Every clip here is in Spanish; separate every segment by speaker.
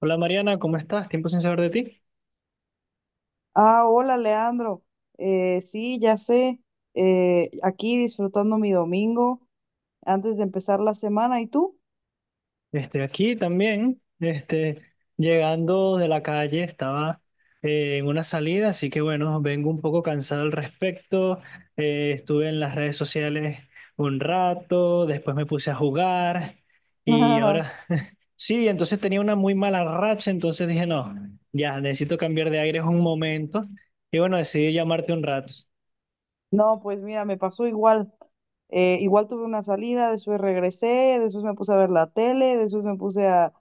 Speaker 1: Hola Mariana, ¿cómo estás? Tiempo sin saber de ti.
Speaker 2: Ah, hola Leandro. Sí, ya sé. Aquí disfrutando mi domingo antes de empezar la semana. ¿Y tú?
Speaker 1: Aquí también, llegando de la calle, estaba en una salida, así que bueno, vengo un poco cansado al respecto. Estuve en las redes sociales un rato, después me puse a jugar y ahora sí, entonces tenía una muy mala racha, entonces dije, no, ya necesito cambiar de aire un momento y bueno, decidí llamarte un rato.
Speaker 2: No, pues mira, me pasó igual. Igual tuve una salida, después regresé, después me puse a ver la tele, después me puse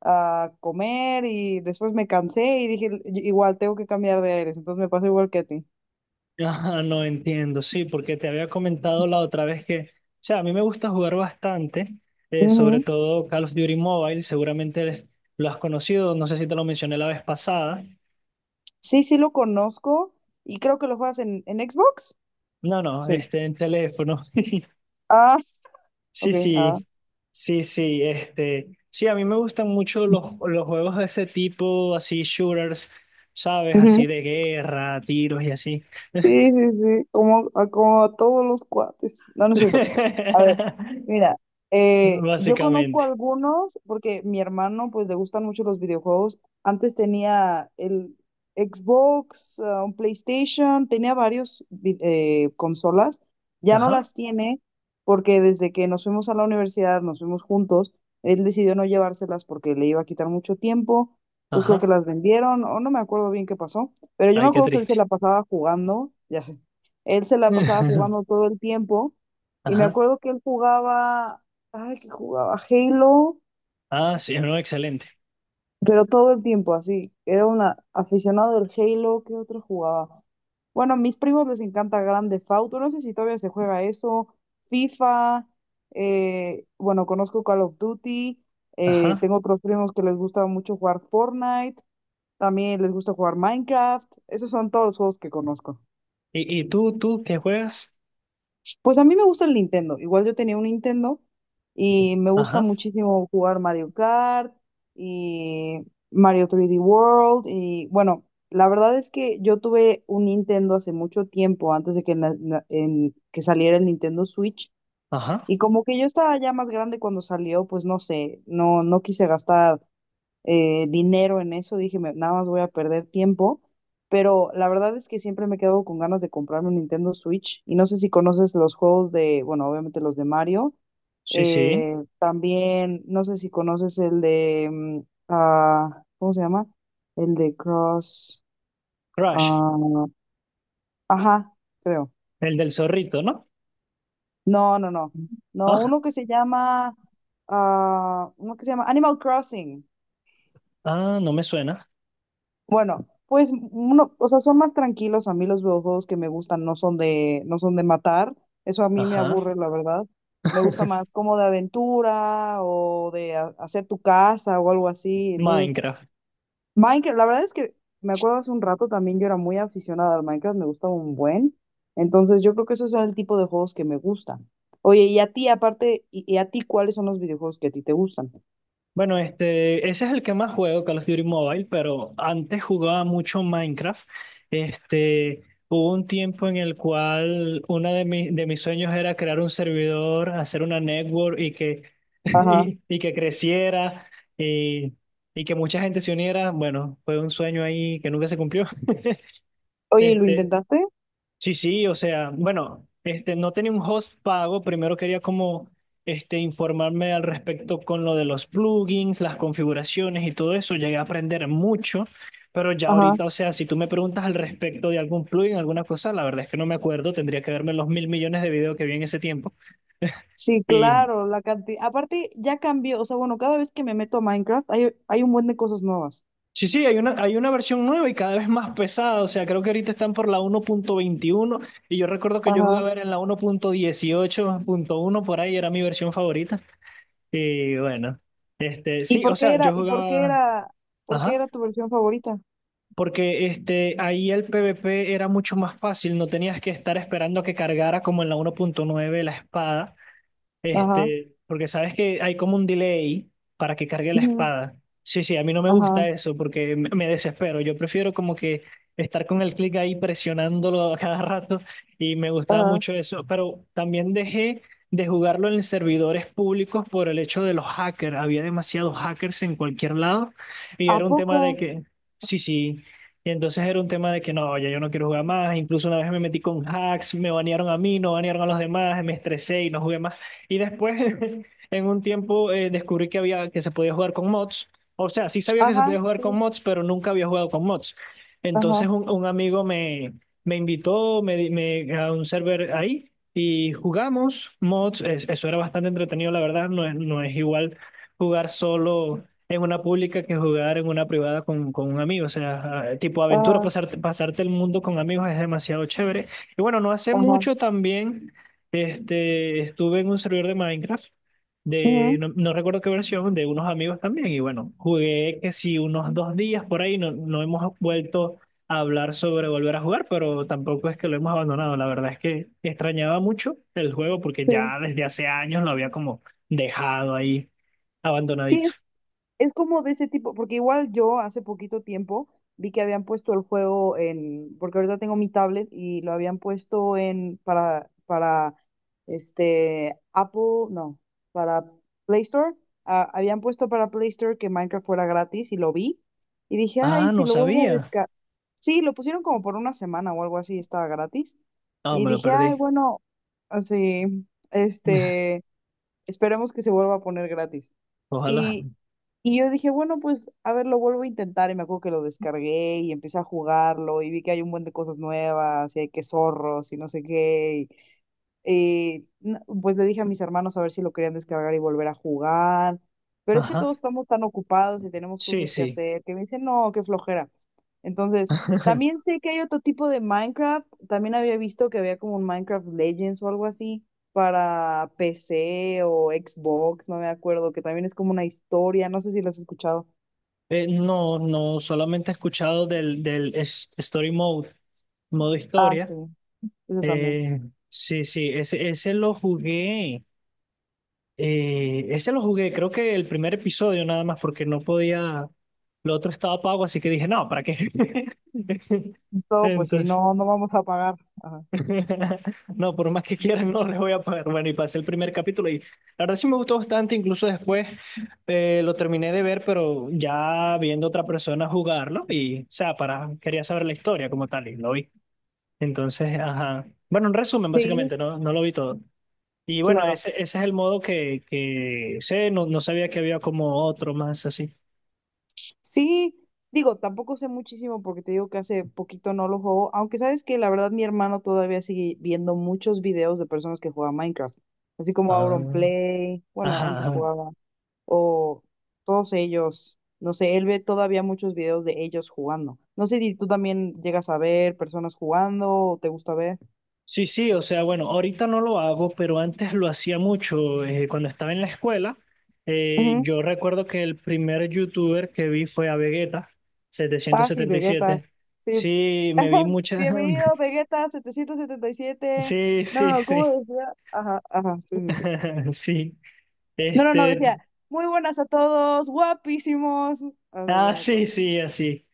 Speaker 2: a comer y después me cansé y dije, Igual tengo que cambiar de aires." Entonces me pasó igual que a ti.
Speaker 1: Ah, no entiendo, sí, porque te había comentado la otra vez que, o sea, a mí me gusta jugar bastante, sobre
Speaker 2: Ujú.
Speaker 1: todo Call of Duty Mobile, seguramente lo has conocido, no sé si te lo mencioné la vez pasada.
Speaker 2: Sí, sí lo conozco y creo que lo juegas en Xbox.
Speaker 1: No, no,
Speaker 2: Sí.
Speaker 1: en teléfono.
Speaker 2: Ah,
Speaker 1: Sí,
Speaker 2: ok. Ah.
Speaker 1: sí, sí, sí, sí, a mí me gustan mucho los juegos de ese tipo, así, shooters, ¿sabes? Así de guerra, tiros y así.
Speaker 2: Sí, sí, sí, como a todos los cuates. No, no es cierto. A ver, mira, yo conozco
Speaker 1: Básicamente.
Speaker 2: algunos porque mi hermano, pues, le gustan mucho los videojuegos. Antes tenía el Xbox, ah, un PlayStation, tenía varios vi- consolas. Ya no
Speaker 1: Ajá,
Speaker 2: las tiene porque desde que nos fuimos a la universidad, nos fuimos juntos, él decidió no llevárselas porque le iba a quitar mucho tiempo. Entonces creo que
Speaker 1: ajá,
Speaker 2: las vendieron o no me acuerdo bien qué pasó. Pero yo me
Speaker 1: ay, qué
Speaker 2: acuerdo que él se
Speaker 1: triste.
Speaker 2: la pasaba jugando, ya sé, él se la pasaba jugando todo el tiempo y me
Speaker 1: Ajá.
Speaker 2: acuerdo que él jugaba, ay, que jugaba Halo,
Speaker 1: Ah, sí, no, excelente.
Speaker 2: pero todo el tiempo así, era un aficionado del Halo. ¿Qué otro jugaba? Bueno, a mis primos les encanta Grand Theft Auto, no sé si todavía se juega eso, FIFA, bueno, conozco Call of Duty,
Speaker 1: Ajá.
Speaker 2: tengo otros primos que les gusta mucho jugar Fortnite, también les gusta jugar Minecraft, esos son todos los juegos que conozco.
Speaker 1: Y tú, tú qué juegas?
Speaker 2: Pues a mí me gusta el Nintendo. Igual yo tenía un Nintendo y me gusta
Speaker 1: Ajá.
Speaker 2: muchísimo jugar Mario Kart y Mario 3D World. Y bueno, la verdad es que yo tuve un Nintendo hace mucho tiempo, antes de que, que saliera el Nintendo Switch.
Speaker 1: Ajá.
Speaker 2: Y como que yo estaba ya más grande cuando salió, pues no sé, no, no quise gastar dinero en eso, dije, Nada más voy a perder tiempo." Pero la verdad es que siempre me quedo con ganas de comprarme un Nintendo Switch y no sé si conoces los juegos de, bueno, obviamente los de Mario,
Speaker 1: Sí, sí.
Speaker 2: también, no sé si conoces el de, ¿cómo se llama? El de Cross,
Speaker 1: Crash,
Speaker 2: ah, ajá, creo.
Speaker 1: el del zorrito, ¿no?
Speaker 2: No, no, no. No,
Speaker 1: Ah,
Speaker 2: uno que se llama Animal Crossing.
Speaker 1: ah, no me suena.
Speaker 2: Bueno, pues uno, o sea, son más tranquilos. A mí los videojuegos que me gustan no son de matar. Eso a mí me
Speaker 1: Ajá.
Speaker 2: aburre, la verdad. Me gusta más como de aventura o de hacer tu casa o algo así. Entonces,
Speaker 1: Minecraft.
Speaker 2: Minecraft, la verdad es que me acuerdo hace un rato también yo era muy aficionada al Minecraft, me gustaba un buen. Entonces, yo creo que esos son el tipo de juegos que me gustan. Oye, y a ti, aparte, y a ti, ¿cuáles son los videojuegos que a ti te gustan?
Speaker 1: Bueno, ese es el que más juego, Call of Duty Mobile, pero antes jugaba mucho Minecraft. Este, Hubo un tiempo en el cual uno de mis sueños era crear un servidor, hacer una network y que,
Speaker 2: Ajá.
Speaker 1: y que creciera y, y que mucha gente se uniera. Bueno, fue un sueño ahí que nunca se cumplió.
Speaker 2: Oye, ¿y lo
Speaker 1: Este,
Speaker 2: intentaste?
Speaker 1: Sí, sí, o sea, bueno, no tenía un host pago. Primero quería como informarme al respecto con lo de los plugins, las configuraciones y todo eso. Llegué a aprender mucho, pero ya
Speaker 2: Ajá.
Speaker 1: ahorita, o sea, si tú me preguntas al respecto de algún plugin, alguna cosa, la verdad es que no me acuerdo. Tendría que verme los mil millones de videos que vi en ese tiempo.
Speaker 2: Sí,
Speaker 1: Y
Speaker 2: claro, la cantidad. Aparte, ya cambió, o sea, bueno, cada vez que me meto a Minecraft hay un buen de cosas nuevas.
Speaker 1: sí, sí, hay una versión nueva y cada vez más pesada. O sea, creo que ahorita están por la 1.21 y yo recuerdo que yo
Speaker 2: Ajá.
Speaker 1: jugaba era en la uno punto dieciocho punto uno por ahí, era mi versión favorita. Y bueno,
Speaker 2: ¿Y
Speaker 1: sí, o
Speaker 2: por qué
Speaker 1: sea,
Speaker 2: era,
Speaker 1: yo
Speaker 2: y por qué
Speaker 1: jugaba,
Speaker 2: era, ¿Por qué
Speaker 1: ajá,
Speaker 2: era tu versión favorita?
Speaker 1: porque ahí el PvP era mucho más fácil, no tenías que estar esperando que cargara como en la 1.9 la espada,
Speaker 2: Ajá.
Speaker 1: porque sabes que hay como un delay para que cargue la
Speaker 2: Ujú.
Speaker 1: espada. Sí, sí, a mí no me
Speaker 2: Ajá.
Speaker 1: gusta eso porque me desespero. Yo prefiero como que estar con el clic ahí presionándolo a cada rato y me gustaba
Speaker 2: Ajá.
Speaker 1: mucho eso. Pero también dejé de jugarlo en servidores públicos por el hecho de los hackers. Había demasiados hackers en cualquier lado y
Speaker 2: ¿A
Speaker 1: era un tema
Speaker 2: poco?
Speaker 1: de que, sí, sí. Y entonces era un tema de que no, ya yo no quiero jugar más. Incluso una vez me metí con hacks, me banearon a mí, no banearon a los demás, me estresé y no jugué más. Y después, en un tiempo, descubrí que había, que se podía jugar con mods. O sea, sí sabía que se
Speaker 2: Ajá,
Speaker 1: podía jugar con
Speaker 2: sí.
Speaker 1: mods, pero nunca había jugado con mods. Entonces,
Speaker 2: Ajá.
Speaker 1: un amigo me, me invitó a un server ahí y jugamos mods. Eso era bastante entretenido, la verdad. No es igual jugar solo en una pública que jugar en una privada con un amigo. O sea, ah, tipo aventura,
Speaker 2: Ajá.
Speaker 1: pasarte el mundo con amigos es demasiado chévere. Y bueno, no hace
Speaker 2: Ajá.
Speaker 1: mucho también. Estuve en un servidor de Minecraft, de,
Speaker 2: Ujú.
Speaker 1: no, no recuerdo qué versión, de unos amigos también, y bueno, jugué que sí unos dos días por ahí, no, no hemos vuelto a hablar sobre volver a jugar, pero tampoco es que lo hemos abandonado, la verdad es que extrañaba mucho el juego porque
Speaker 2: Sí.
Speaker 1: ya desde hace años lo había como dejado ahí,
Speaker 2: Sí,
Speaker 1: abandonadito.
Speaker 2: es como de ese tipo, porque igual yo hace poquito tiempo vi que habían puesto el juego en, porque ahorita tengo mi tablet y lo habían puesto en para este Apple, no, para Play Store, ah, habían puesto para Play Store que Minecraft fuera gratis y lo vi y dije, "Ay,
Speaker 1: Ah,
Speaker 2: si
Speaker 1: no
Speaker 2: lo vuelvo a
Speaker 1: sabía.
Speaker 2: descargar." Sí, lo pusieron como por una semana o algo así, estaba gratis.
Speaker 1: Ah,
Speaker 2: Y
Speaker 1: me lo
Speaker 2: dije,
Speaker 1: perdí.
Speaker 2: "Ay, bueno, así este, esperemos que se vuelva a poner gratis."
Speaker 1: Ojalá.
Speaker 2: y y yo dije, bueno, pues a ver, lo vuelvo a intentar. Y me acuerdo que lo descargué y empecé a jugarlo y vi que hay un buen de cosas nuevas y hay que zorros y no sé qué pues le dije a mis hermanos a ver si lo querían descargar y volver a jugar. Pero es que
Speaker 1: Ajá.
Speaker 2: todos estamos tan ocupados y tenemos
Speaker 1: Sí,
Speaker 2: cosas que
Speaker 1: sí.
Speaker 2: hacer que me dicen, no, qué flojera. Entonces, también sé que hay otro tipo de Minecraft. También había visto que había como un Minecraft Legends o algo así para PC o Xbox, no me acuerdo, que también es como una historia. No sé si lo has escuchado.
Speaker 1: No, no, solamente he escuchado del Story Mode, modo
Speaker 2: Ah, sí,
Speaker 1: historia.
Speaker 2: eso también.
Speaker 1: Eh, sí, sí, ese lo jugué. Creo que el primer episodio nada más, porque no podía. Lo otro estaba pago, así que dije, no, ¿para qué?
Speaker 2: Todo, pues sí,
Speaker 1: Entonces,
Speaker 2: no, no vamos a pagar. Ajá.
Speaker 1: no, por más que quieran, no les voy a pagar. Bueno, y pasé el primer capítulo y la verdad sí me gustó bastante, incluso después lo terminé de ver, pero ya viendo otra persona jugarlo y, o sea, quería saber la historia como tal y lo vi. Entonces, ajá. Bueno, en resumen,
Speaker 2: Sí,
Speaker 1: básicamente, no, no lo vi todo. Y bueno,
Speaker 2: claro.
Speaker 1: ese es el modo que sé, no, no sabía que había como otro más así.
Speaker 2: Sí, digo, tampoco sé muchísimo porque te digo que hace poquito no lo juego, aunque sabes que la verdad mi hermano todavía sigue viendo muchos videos de personas que juegan Minecraft, así como
Speaker 1: Ah,
Speaker 2: Auronplay, bueno,
Speaker 1: ajá.
Speaker 2: antes
Speaker 1: Ajá.
Speaker 2: jugaba, o todos ellos, no sé, él ve todavía muchos videos de ellos jugando. No sé si tú también llegas a ver personas jugando o te gusta ver.
Speaker 1: Sí, sí, o sea, bueno, ahorita no lo hago, pero antes lo hacía mucho. Cuando estaba en la escuela,
Speaker 2: Ujú.
Speaker 1: yo recuerdo que el primer youtuber que vi fue a Vegeta, setecientos
Speaker 2: Ah, sí,
Speaker 1: setenta y
Speaker 2: Vegeta,
Speaker 1: siete
Speaker 2: sí.
Speaker 1: Sí, me vi muchas...
Speaker 2: Bienvenido, Vegeta 777.
Speaker 1: Sí,
Speaker 2: No,
Speaker 1: sí,
Speaker 2: no, no,
Speaker 1: sí.
Speaker 2: ¿cómo decía? Ajá, ajá, sí. Sí.
Speaker 1: Sí.
Speaker 2: No, no, no,
Speaker 1: Este,
Speaker 2: decía, muy buenas a todos, guapísimos. Ah, sí, ya
Speaker 1: Ah,
Speaker 2: me
Speaker 1: sí,
Speaker 2: acuerdo.
Speaker 1: sí, así.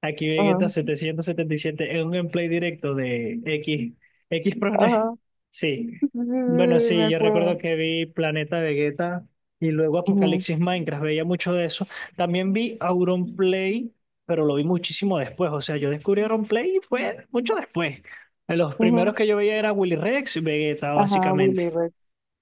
Speaker 1: Aquí Vegeta
Speaker 2: Ajá,
Speaker 1: 777 es un gameplay directo de X, X Prone.
Speaker 2: ajá,
Speaker 1: Sí.
Speaker 2: sí, sí, sí,
Speaker 1: Bueno,
Speaker 2: sí, me
Speaker 1: sí, yo recuerdo
Speaker 2: acuerdo.
Speaker 1: que vi Planeta Vegeta y luego
Speaker 2: Ujú,
Speaker 1: Apocalipsis Minecraft, veía mucho de eso. También vi Auron Play, pero lo vi muchísimo después. O sea, yo descubrí Auron Play y fue mucho después. Los primeros
Speaker 2: ujú.
Speaker 1: que yo veía era Willy Rex y Vegeta,
Speaker 2: Ajá,
Speaker 1: básicamente.
Speaker 2: Willy Rex.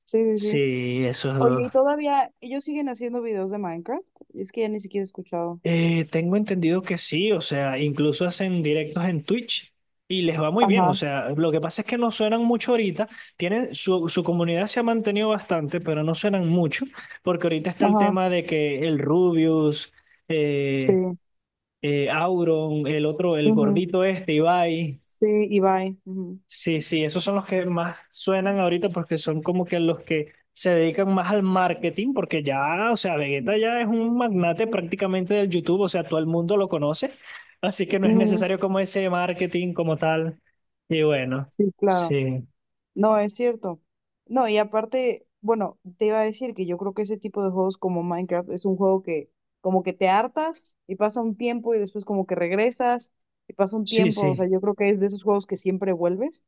Speaker 2: Sí, sí, sí.
Speaker 1: Sí, esos
Speaker 2: Oye,
Speaker 1: dos.
Speaker 2: y todavía ellos siguen haciendo videos de Minecraft. Y es que ya ni siquiera he escuchado.
Speaker 1: Tengo entendido que sí, o sea, incluso hacen directos en Twitch y les va muy bien, o
Speaker 2: Ajá,
Speaker 1: sea, lo que pasa es que no suenan mucho ahorita, tienen su, su comunidad se ha mantenido bastante, pero no suenan mucho, porque ahorita está el
Speaker 2: ajá,
Speaker 1: tema de que el Rubius, eh,
Speaker 2: sí.
Speaker 1: Auron, el otro, el
Speaker 2: Ujú.
Speaker 1: gordito este, Ibai.
Speaker 2: Sí, y bye. Ujú,
Speaker 1: Sí, sí, esos son los que más suenan ahorita porque son como que los que se dedican más al marketing, porque ya, o sea, Vegeta ya es un magnate prácticamente del YouTube, o sea, todo el mundo lo conoce, así que no es
Speaker 2: ujú.
Speaker 1: necesario como ese marketing como tal. Y bueno,
Speaker 2: Sí, claro.
Speaker 1: sí,
Speaker 2: No, es cierto. No, y aparte, bueno, te iba a decir que yo creo que ese tipo de juegos como Minecraft es un juego que como que te hartas y pasa un tiempo y después como que regresas y pasa un
Speaker 1: sí,
Speaker 2: tiempo, o
Speaker 1: sí,
Speaker 2: sea, yo creo que es de esos juegos que siempre vuelves.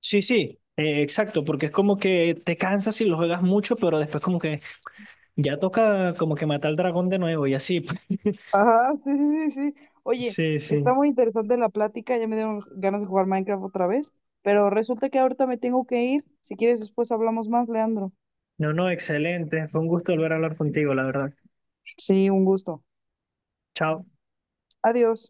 Speaker 1: sí, sí, exacto, porque es como que te cansas si lo juegas mucho, pero después como que ya toca como que matar al dragón de nuevo y así.
Speaker 2: Ajá, sí, sí, sí, sí. Oye,
Speaker 1: Sí, sí.
Speaker 2: está muy interesante la plática, ya me dieron ganas de jugar Minecraft otra vez, pero resulta que ahorita me tengo que ir. Si quieres, después hablamos más, Leandro.
Speaker 1: No, no, excelente. Fue un gusto volver a hablar contigo, la verdad.
Speaker 2: Sí, un gusto.
Speaker 1: Chao.
Speaker 2: Adiós.